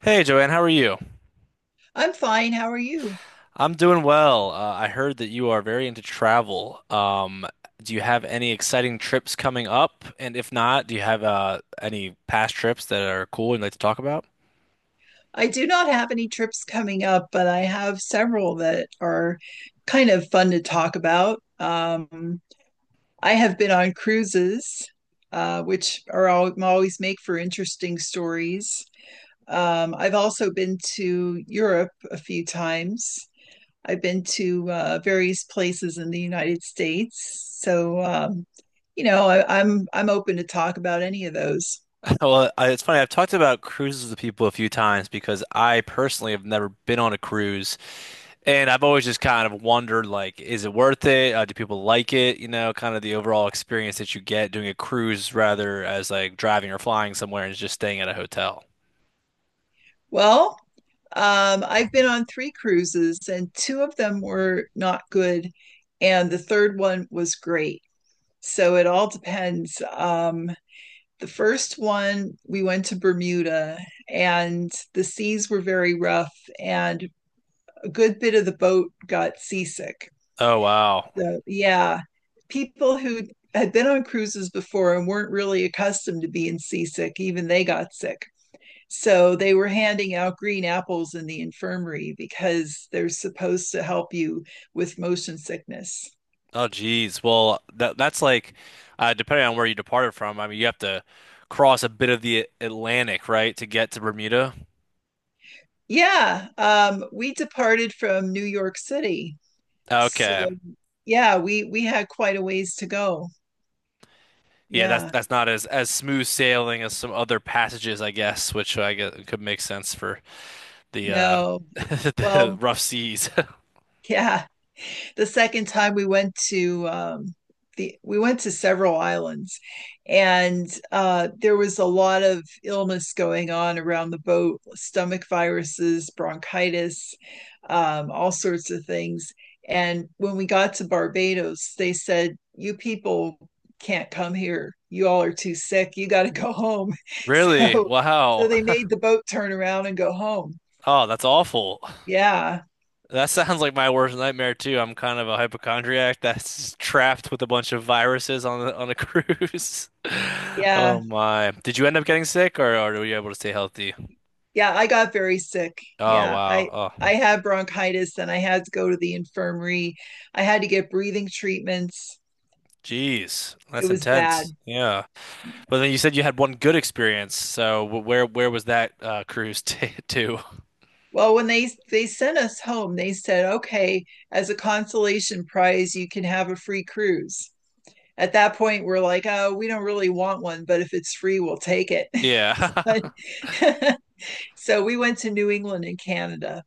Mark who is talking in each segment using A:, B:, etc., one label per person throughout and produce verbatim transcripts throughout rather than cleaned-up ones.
A: Hey Joanne, how are you?
B: I'm fine. How are you?
A: I'm doing well. Uh, I heard that you are very into travel. Um, do you have any exciting trips coming up? And if not, do you have uh, any past trips that are cool you'd like to talk about?
B: I do not have any trips coming up, but I have several that are kind of fun to talk about. Um, I have been on cruises, uh, which are all, always make for interesting stories. Um, I've also been to Europe a few times. I've been to uh, various places in the United States. So, um, you know, I, I'm I'm open to talk about any of those.
A: Well, I, it's funny. I've talked about cruises with people a few times because I personally have never been on a cruise, and I've always just kind of wondered, like, is it worth it? Uh, do people like it? You know, kind of the overall experience that you get doing a cruise rather as like driving or flying somewhere and just staying at a hotel.
B: Well, um, I've been on three cruises, and two of them were not good, and the third one was great. So it all depends. Um, the first one, we went to Bermuda, and the seas were very rough, and a good bit of the boat got seasick.
A: Oh wow.
B: So, yeah, people who had been on cruises before and weren't really accustomed to being seasick, even they got sick. So they were handing out green apples in the infirmary because they're supposed to help you with motion sickness.
A: Oh, geez. Well, that that's like uh, depending on where you departed from. I mean, you have to cross a bit of the Atlantic, right, to get to Bermuda.
B: Yeah, um, we departed from New York City.
A: Okay.
B: So yeah, we we had quite a ways to go.
A: Yeah, that's
B: Yeah.
A: that's not as as smooth sailing as some other passages, I guess, which I guess could make sense for the uh
B: No.
A: the
B: Well,
A: rough seas.
B: yeah. the second time we went to um, the we went to several islands, and uh, there was a lot of illness going on around the boat: stomach viruses, bronchitis, um, all sorts of things. And when we got to Barbados, they said, "You people can't come here. You all are too sick. You got to go home."
A: Really?
B: So, so
A: Wow.
B: they made the boat turn around and go home.
A: Oh, that's awful.
B: Yeah,
A: That sounds like my worst nightmare too. I'm kind of a hypochondriac that's trapped with a bunch of viruses on the, on a cruise. Oh
B: yeah.
A: my. Did you end up getting sick or, or were you able to stay healthy?
B: Yeah, I got very sick.
A: Oh
B: Yeah,
A: wow.
B: I
A: Oh,
B: I had bronchitis and I had to go to the infirmary. I had to get breathing treatments.
A: geez,
B: It
A: that's
B: was
A: intense.
B: bad.
A: Yeah. But then you said you had one good experience. So wh- where where was that uh, cruise t to?
B: Well, when they they sent us home, they said, "Okay, as a consolation prize, you can have a free cruise." At that point, we're like, "Oh, we don't really want one, but if it's free, we'll take it."
A: Yeah.
B: but So we went to New England and Canada,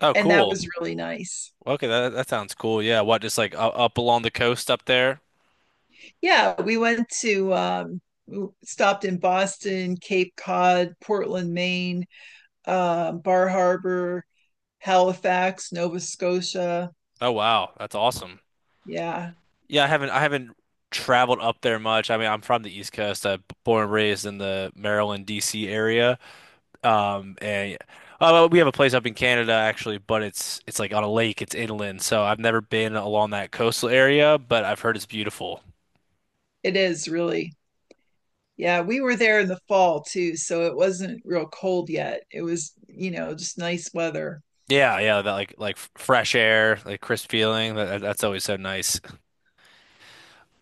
A: Oh,
B: and that was
A: cool.
B: really nice.
A: Okay, that that sounds cool. Yeah, what just like u- up along the coast up there?
B: Yeah, we went to um w- stopped in Boston, Cape Cod, Portland, Maine, uh, Bar Harbor, Halifax, Nova Scotia.
A: Oh wow, that's awesome.
B: Yeah,
A: Yeah, I haven't I haven't traveled up there much. I mean, I'm from the East Coast. I'm born and raised in the Maryland, D C area. Um, and Oh, well, we have a place up in Canada actually, but it's it's like on a lake. It's inland, so I've never been along that coastal area, but I've heard it's beautiful.
B: it is really. Yeah, we were there in the fall too, so it wasn't real cold yet. It was, you know, just nice weather.
A: Yeah, yeah, that like like fresh air, like crisp feeling. That, that's always so nice.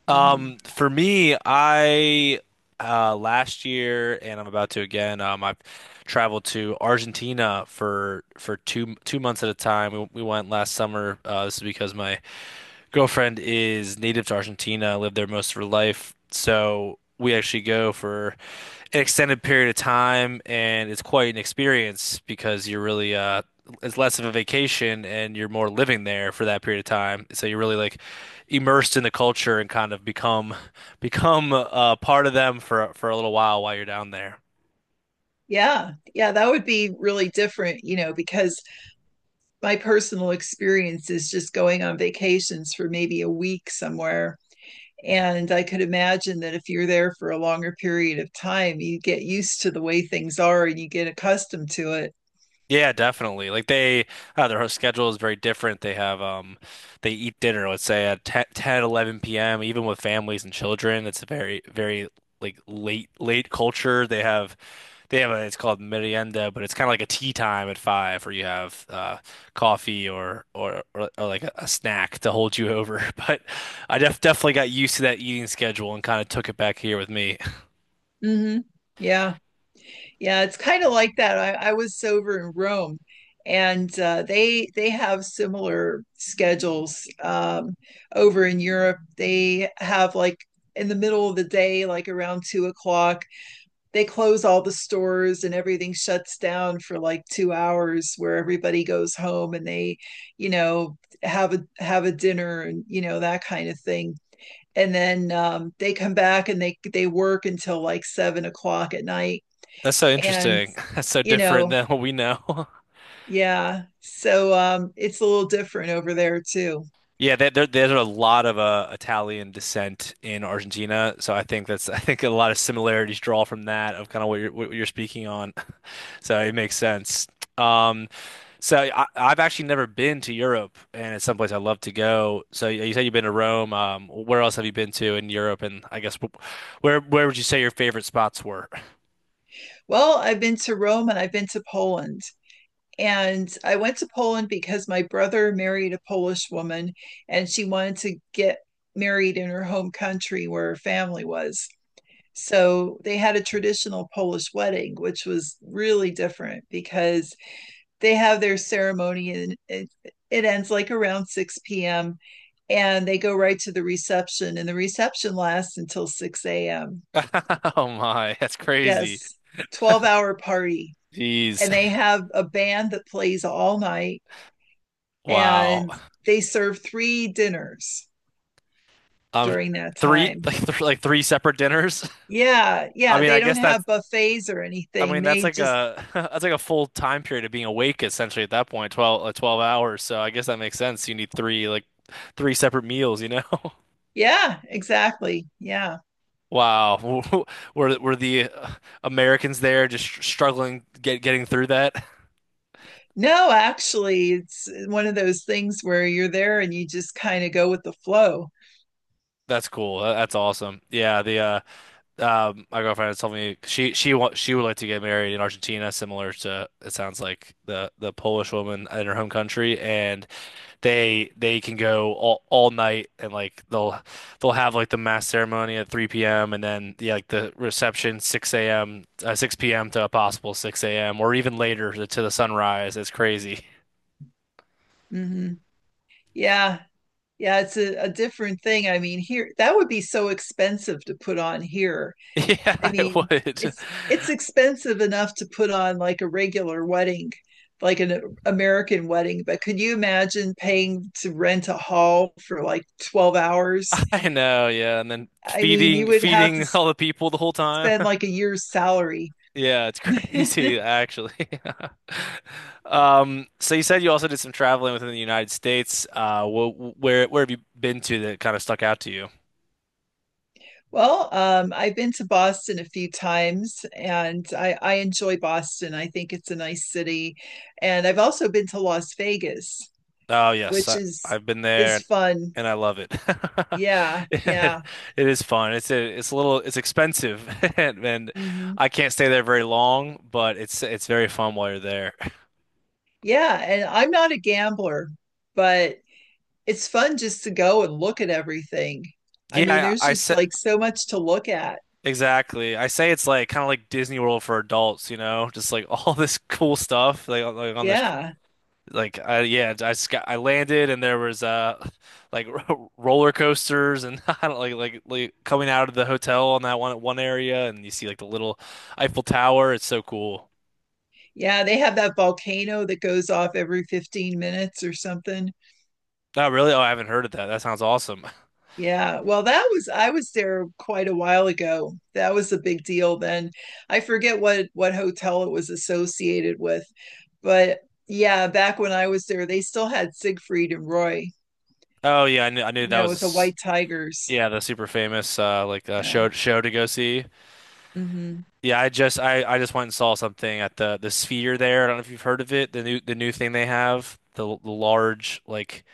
B: Mhm.
A: Um, for me, I uh last year and I'm about to again, um I've traveled to Argentina for for two two months at a time. We, we went last summer. Uh this is because my girlfriend is native to Argentina, lived there most of her life. So we actually go for an extended period of time, and it's quite an experience because you're really uh it's less of a vacation and you're more living there for that period of time. So you're really like immersed in the culture and kind of become become uh, part of them for for a little while while you're down there.
B: Yeah, yeah, that would be really different, you know, because my personal experience is just going on vacations for maybe a week somewhere. And I could imagine that if you're there for a longer period of time, you get used to the way things are and you get accustomed to it.
A: Yeah, definitely. Like they, uh, their schedule is very different. They have, um, they eat dinner, let's say at ten, p m, even with families and children. It's a very, very like late, late culture. They have, they have a, it's called merienda, but it's kind of like a tea time at five where you have, uh, coffee or, or, or, or like a, a snack to hold you over. But I def definitely got used to that eating schedule and kind of took it back here with me.
B: Hmm. Yeah. Yeah, it's kind of like that. I, I was over in Rome, and uh, they they have similar schedules um, over in Europe. They have like in the middle of the day, like around two o'clock, they close all the stores and everything shuts down for like two hours where everybody goes home and they, you know, have a have a dinner and you know that kind of thing. And then um, they come back and they they work until like seven o'clock at night,
A: That's so
B: and
A: interesting. That's so
B: you
A: different
B: know,
A: than what we know.
B: yeah. So um, it's a little different over there too.
A: Yeah, there, there there's a lot of uh, Italian descent in Argentina, so I think that's I think a lot of similarities draw from that of kind of what you're what you're speaking on. So it makes sense. Um, so I, I've actually never been to Europe, and it's someplace I love to go. So you you said you've been to Rome. Um, where else have you been to in Europe? And I guess wh- where where would you say your favorite spots were?
B: Well, I've been to Rome and I've been to Poland. And I went to Poland because my brother married a Polish woman, and she wanted to get married in her home country where her family was. So they had a traditional Polish wedding, which was really different because they have their ceremony and it, it ends like around six p m, and they go right to the reception, and the reception lasts until six a m.
A: Oh my, that's crazy.
B: Yes, twelve hour party.
A: Jeez,
B: And they have a band that plays all night,
A: wow.
B: and they serve three dinners
A: Um,
B: during that
A: three
B: time.
A: like th like three separate dinners.
B: Yeah,
A: I
B: yeah,
A: mean,
B: they
A: I
B: don't
A: guess
B: have
A: that's
B: buffets or
A: I
B: anything.
A: mean, that's
B: They
A: like
B: just
A: a that's like a full time period of being awake essentially at that point, twelve uh, twelve hours. So I guess that makes sense. You need three like three separate meals, you know?
B: yeah, exactly. Yeah.
A: Wow. Were were The uh, Americans there just str- struggling get getting through that?
B: No, actually, it's one of those things where you're there and you just kind of go with the flow.
A: That's cool. Tha- That's awesome. Yeah, the uh um my girlfriend was telling me she she wa she would like to get married in Argentina, similar to it sounds like the the Polish woman in her home country, and they they can go all, all night and like they'll they'll have like the mass ceremony at three p m and then yeah, like the reception six a m uh, six p m to a possible six a m or even later to, to the sunrise. It's crazy.
B: Hmm. Yeah. Yeah, it's a, a different thing. I mean, here, that would be so expensive to put on here.
A: Yeah,
B: I
A: it
B: mean,
A: would.
B: it's it's expensive enough to put on like a regular wedding, like an American wedding, but could you imagine paying to rent a hall for like twelve hours?
A: I know, yeah, and then
B: I mean, you
A: feeding
B: would have to
A: feeding all the people the whole time.
B: spend like a year's salary.
A: Yeah, it's crazy actually. Um, so you said you also did some traveling within the United States. Uh, wh wh- where where have you been to that kind of stuck out to you?
B: Well, um, I've been to Boston a few times, and I, I enjoy Boston. I think it's a nice city. And I've also been to Las Vegas,
A: Oh yes,
B: which
A: I,
B: is
A: I've been
B: is
A: there
B: fun.
A: and I love it.
B: Yeah,
A: It,
B: yeah.
A: it is fun. It's a, it's a little it's expensive and, and
B: Hmm.
A: I can't stay there very long, but it's it's very fun while you're there.
B: Yeah, and I'm not a gambler, but it's fun just to go and look at everything. I mean,
A: Yeah,
B: there's
A: I, I
B: just
A: say
B: like so much to look at.
A: exactly. I say it's like kind of like Disney World for adults, you know, just like all this cool stuff like, on- like on this
B: Yeah.
A: Like I yeah, I just got I landed and there was uh like ro- roller coasters and I don't like like like coming out of the hotel on that one one area and you see like the little Eiffel Tower. It's so cool.
B: Yeah, they have that volcano that goes off every fifteen minutes or something.
A: Oh really? Oh, I haven't heard of that. That sounds awesome.
B: Yeah. Well, that was I was there quite a while ago. That was a big deal then. I forget what what hotel it was associated with, but yeah, back when I was there, they still had Siegfried and Roy,
A: Oh yeah, I knew I knew
B: you
A: that
B: know, with the
A: was
B: white tigers.
A: yeah the super famous uh like uh,
B: Yeah.
A: show show to go see.
B: Hmm.
A: Yeah, I just I, I just went and saw something at the the Sphere there. I don't know if you've heard of it. The new the new thing they have, the, l- the large like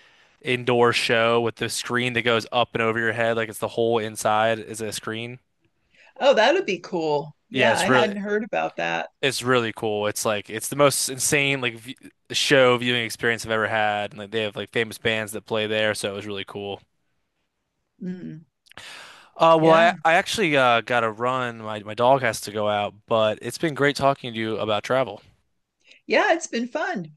A: indoor show with the screen that goes up and over your head, like it's the whole inside is a screen.
B: Oh, that would be cool.
A: Yeah,
B: Yeah, I
A: it's
B: hadn't
A: really
B: heard about that.
A: it's really cool. It's like it's the most insane like v show viewing experience I've ever had. And like they have like famous bands that play there, so it was really cool.
B: Mm,
A: Uh, well, I
B: yeah.
A: I actually uh, got to run. My my dog has to go out, but it's been great talking to you about travel.
B: Yeah, it's been fun.